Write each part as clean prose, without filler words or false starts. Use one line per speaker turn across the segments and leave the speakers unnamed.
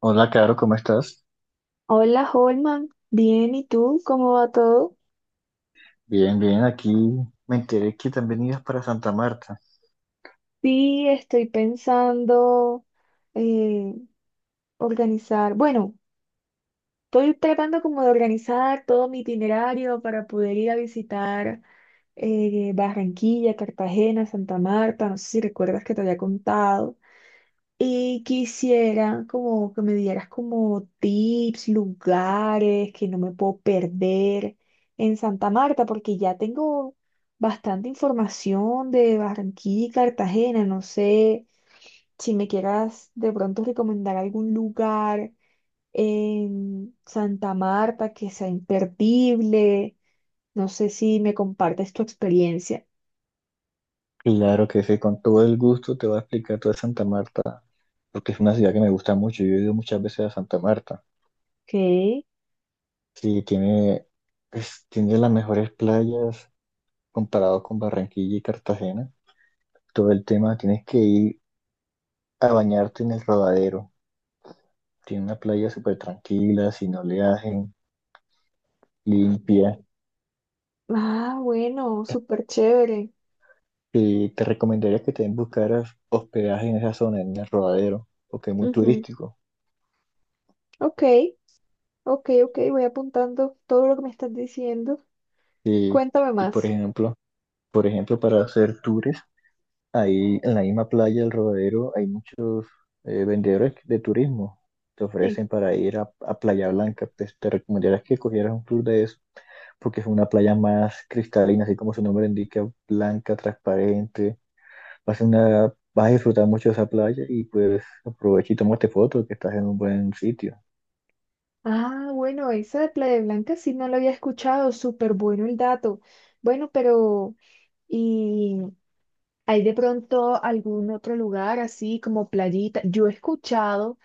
Hola, Caro, ¿cómo estás?
Hola, Holman. Bien, ¿y tú? ¿Cómo va todo?
Bien, bien, aquí me enteré que también ibas para Santa Marta.
Sí, estoy pensando eh, organizar, bueno, estoy tratando como de organizar todo mi itinerario para poder ir a visitar Barranquilla, Cartagena, Santa Marta, no sé si recuerdas que te había contado. Y quisiera como que me dieras como tips, lugares que no me puedo perder en Santa Marta, porque ya tengo bastante información de Barranquilla y Cartagena. No sé si me quieras de pronto recomendar algún lugar en Santa Marta que sea imperdible. No sé si me compartes tu experiencia.
Claro que sí, con todo el gusto te voy a explicar toda Santa Marta, porque es una ciudad que me gusta mucho. Yo he ido muchas veces a Santa Marta.
Ok.
Sí, tiene, pues, tiene las mejores playas comparado con Barranquilla y Cartagena. Todo el tema, tienes que ir a bañarte en el Rodadero. Tiene una playa súper tranquila, sin oleaje, limpia.
Ah, bueno, súper chévere.
Y te recomendaría que también buscaras hospedaje en esa zona, en el Rodadero, porque es muy
Ujú.
turístico.
Ok. Ok, ok, voy apuntando todo lo que me estás diciendo.
Y,
Cuéntame
y
más.
por ejemplo, para hacer tours, ahí en la misma playa del Rodadero hay muchos vendedores de turismo. Te
Sí.
ofrecen para ir a Playa Blanca. Pues te recomendaría que cogieras un tour de eso, porque es una playa más cristalina, así como su nombre indica, blanca, transparente. Vas a disfrutar mucho de esa playa y pues aprovecha y tómate fotos que estás en un buen sitio.
Ah, bueno, esa de Playa Blanca sí no la había escuchado. Súper bueno el dato. Bueno, pero ¿y hay de pronto algún otro lugar así como playita? Yo he escuchado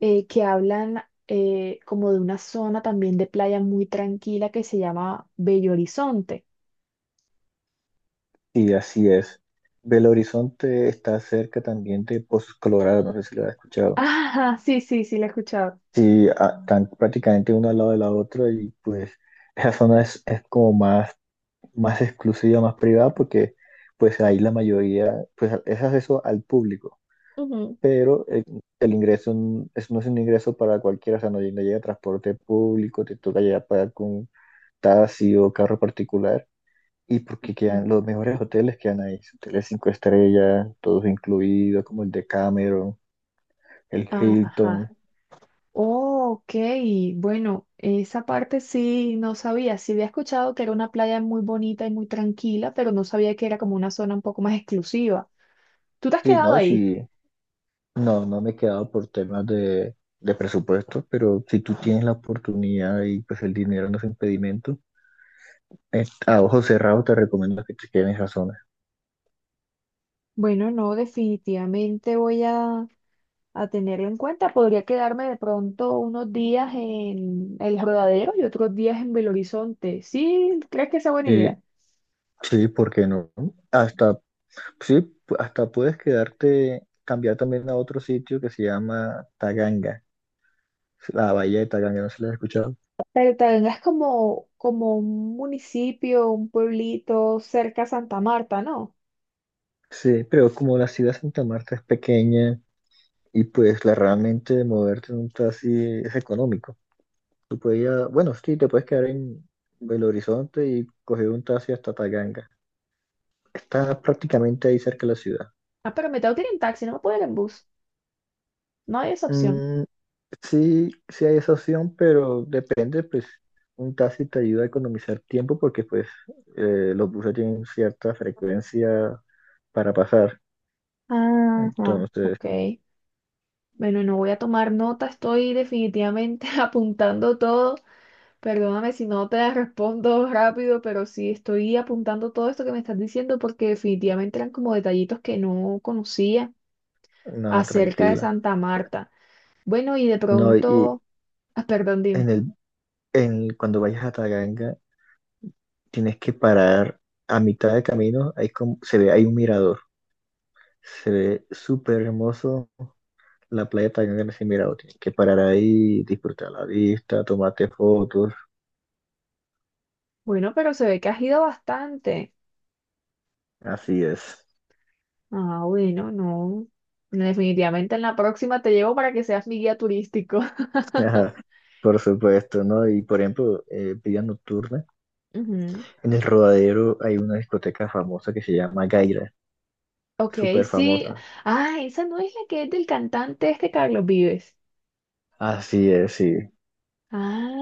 que hablan como de una zona también de playa muy tranquila que se llama Bello Horizonte.
Sí, así es. Belo Horizonte está cerca también de Pozos Colorado, no sé si lo has escuchado.
Ajá, sí, sí, sí, la he escuchado.
Sí, están prácticamente uno al lado de la otra y pues esa zona es como más, más exclusiva, más privada porque pues ahí la mayoría, pues es acceso al público,
Ujú.
pero el ingreso no es un ingreso para cualquiera, o sea, no llega transporte público, te toca ya pagar con taxi o carro particular. Y porque
Mm.
quedan los mejores hoteles quedan ahí, hoteles cinco estrellas, todos incluidos, como el de Cameron, el Hilton.
Ajá. Oh, ok, bueno, esa parte sí no sabía. Sí había escuchado que era una playa muy bonita y muy tranquila, pero no sabía que era como una zona un poco más exclusiva. ¿Tú te has
Sí,
quedado
no,
ahí?
sí, no, no me he quedado por temas de presupuesto, pero si tú tienes la oportunidad y pues el dinero no es impedimento, a ojos cerrados te recomiendo que te quedes en esa zona.
Bueno, no, definitivamente voy a tenerlo en cuenta. Podría quedarme de pronto unos días en El Rodadero y otros días en Belo Horizonte. ¿Sí? ¿Crees que esa es buena
Sí,
idea?
sí, ¿por qué no? Hasta, sí, hasta puedes quedarte, cambiar también a otro sitio que se llama Taganga, la bahía de Taganga, ¿no se la has escuchado?
Pero tal es como, como un municipio, un pueblito cerca a Santa Marta, ¿no?
Sí, pero como la ciudad de Santa Marta es pequeña y pues la realmente de moverte en un taxi es económico. Tú puedes ir bueno, sí, te puedes quedar en Belo Horizonte y coger un taxi hasta Taganga. Está prácticamente ahí cerca de la ciudad.
Ah, pero me tengo que ir en taxi, no me puedo ir en bus. No hay esa opción.
Mm, sí, sí hay esa opción, pero depende, pues un taxi te ayuda a economizar tiempo porque pues los buses tienen cierta frecuencia para pasar.
Ajá,
Entonces,
ok. Bueno, no voy a tomar nota, estoy definitivamente apuntando todo. Perdóname si no te respondo rápido, pero sí estoy apuntando todo esto que me estás diciendo porque definitivamente eran como detallitos que no conocía
no,
acerca de
tranquila.
Santa Marta. Bueno, y de
No, y
pronto, ah, perdón,
en
dime.
el cuando vayas a Taganga, tienes que parar a mitad de camino. Hay como, se ve, hay un mirador. Se ve súper hermoso la playa de Taganga en ese mirador. Tienes que parar ahí, disfrutar la vista, tomarte fotos.
Bueno, pero se ve que has ido bastante.
Así es.
Ah, bueno, no. Definitivamente en la próxima te llevo para que seas mi guía turístico.
Ajá, por supuesto, ¿no? Y por ejemplo, vida nocturna.
Ujú.
En el Rodadero hay una discoteca famosa que se llama Gaira,
Ok,
súper
sí.
famosa.
Ah, esa no es la que es del cantante este Carlos Vives.
Así es, sí.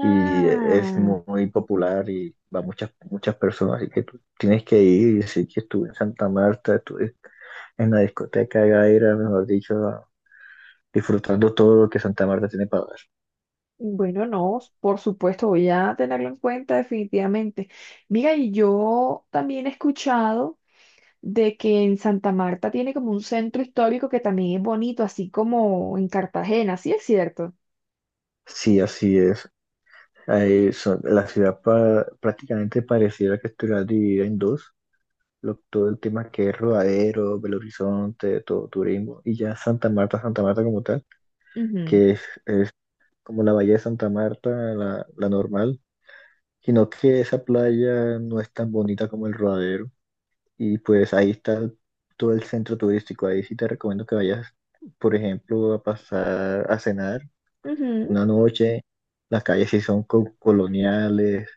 Y es muy popular y va muchas muchas personas, así que tú tienes que ir y decir que estuve en Santa Marta, estuve en la discoteca de Gaira, mejor dicho, disfrutando todo lo que Santa Marta tiene para dar.
bueno, no, por supuesto, voy a tenerlo en cuenta definitivamente. Mira, y yo también he escuchado de que en Santa Marta tiene como un centro histórico que también es bonito, así como en Cartagena, ¿sí es cierto?
Sí, así es. Ahí la ciudad prácticamente pareciera que estuviera dividida en dos. Todo el tema que es Rodadero, Belo Horizonte, todo turismo, y ya Santa Marta, Santa Marta como tal,
Ujú,
que es como la bahía de Santa Marta, la normal, sino que esa playa no es tan bonita como el Rodadero y pues ahí está todo el centro turístico. Ahí sí te recomiendo que vayas, por ejemplo, a pasar a cenar
ujú.
una noche. Las calles sí son coloniales,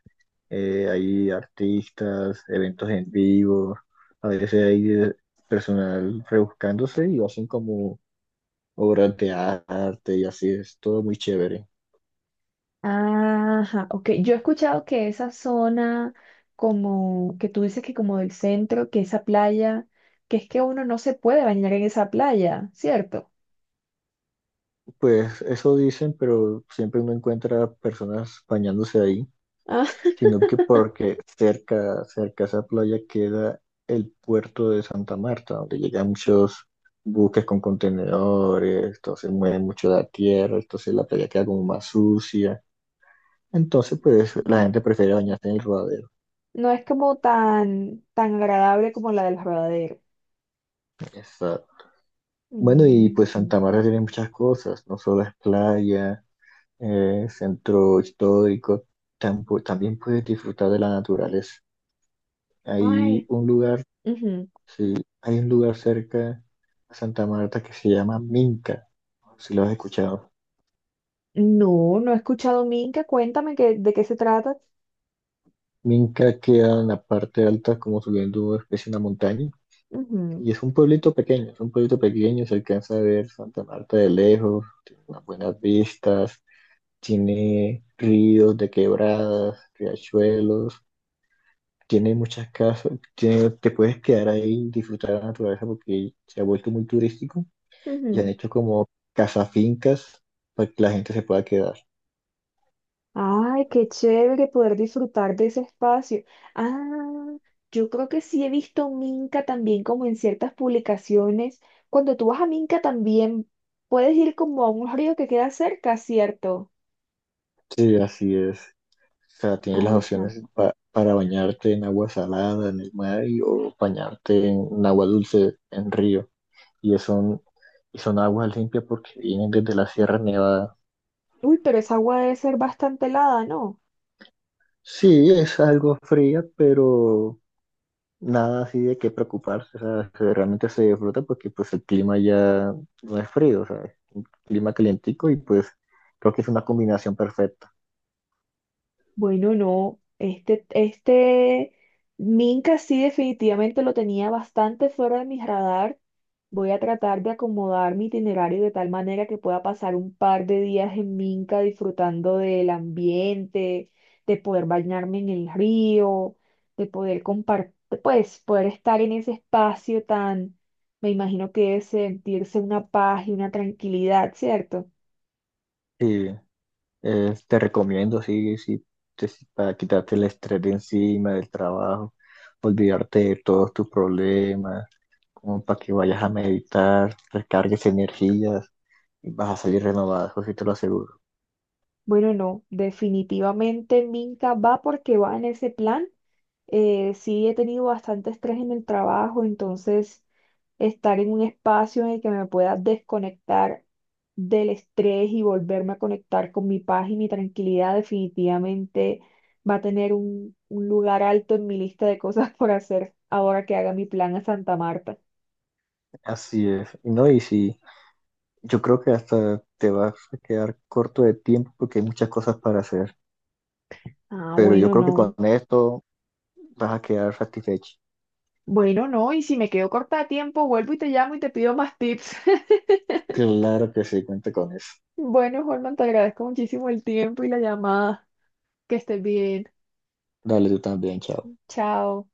hay artistas, eventos en vivo, a veces hay personal rebuscándose y hacen como obras de arte y así es todo muy chévere.
Ajá, ok. Yo he escuchado que esa zona, como que tú dices que como del centro, que esa playa, que es que uno no se puede bañar en esa playa, ¿cierto?
Pues eso dicen, pero siempre uno encuentra personas bañándose ahí.
Ajá.
Sino que porque cerca a esa playa queda el puerto de Santa Marta, donde llegan muchos buques con contenedores, entonces mueven mucho la tierra, entonces la playa queda como más sucia. Entonces, pues la gente prefiere bañarse en el rodadero.
No es como tan, tan agradable como la del Rodadero.
Exacto. Bueno, y pues
Ujú.
Santa Marta tiene muchas cosas, no solo es playa, centro histórico, también puedes disfrutar de la naturaleza. Hay
Ay.
un lugar.
Ujú.
Sí, hay un lugar cerca a Santa Marta que se llama Minca, si lo has escuchado.
No, no he escuchado Minca. Cuéntame de qué se trata.
Minca queda en la parte alta, como subiendo una especie de una montaña, y es un pueblito pequeño, es un pueblito pequeño, se alcanza a ver Santa Marta de lejos, tiene unas buenas vistas, tiene ríos de quebradas, riachuelos, tiene muchas casas, te puedes quedar ahí y disfrutar de la naturaleza porque se ha vuelto muy turístico
Ujú,
y han
ujú.
hecho como casa fincas para que la gente se pueda quedar.
Ay, qué chévere poder disfrutar de ese espacio. Ah, yo creo que sí he visto Minca también como en ciertas publicaciones. Cuando tú vas a Minca también puedes ir como a un río que queda cerca, ¿cierto?
Sí, así es. O sea, tienes las
Ajá.
opciones para bañarte en agua salada, en el mar, o bañarte en agua dulce, en río. Y es son, y son aguas limpias porque vienen desde la Sierra Nevada.
Uy, pero esa agua debe ser bastante helada, ¿no?
Sí, es algo fría, pero nada así de qué preocuparse. O sea, realmente se disfruta porque pues el clima ya no es frío, o sea, es un clima calientico y pues creo que es una combinación perfecta.
Bueno, no, este Minca sí definitivamente lo tenía bastante fuera de mi radar. Voy a tratar de acomodar mi itinerario de tal manera que pueda pasar un par de días en Minca disfrutando del ambiente, de poder bañarme en el río, de poder compartir, pues poder estar en ese espacio tan, me imagino que debe sentirse una paz y una tranquilidad, ¿cierto?
Sí. Te recomiendo, sí, sí, sí, para quitarte el estrés de encima del trabajo, olvidarte de todos tus problemas, como para que vayas a meditar, recargues energías y vas a salir renovado, eso sí te lo aseguro.
Bueno, no, definitivamente Minca va porque va en ese plan. Sí, he tenido bastante estrés en el trabajo, entonces estar en un espacio en el que me pueda desconectar del estrés y volverme a conectar con mi paz y mi tranquilidad definitivamente va a tener un lugar alto en mi lista de cosas por hacer ahora que haga mi plan a Santa Marta.
Así es. Y No, y sí, yo creo que hasta te vas a quedar corto de tiempo porque hay muchas cosas para hacer,
Ah,
pero yo
bueno,
creo que con
no.
esto vas a quedar satisfecho.
Bueno, no, y si me quedo corta de tiempo, vuelvo y te llamo y te pido más tips.
Claro que sí, cuenta con eso.
Bueno, Holman, te agradezco muchísimo el tiempo y la llamada. Que estés bien.
Dale tú también, chao.
Chao.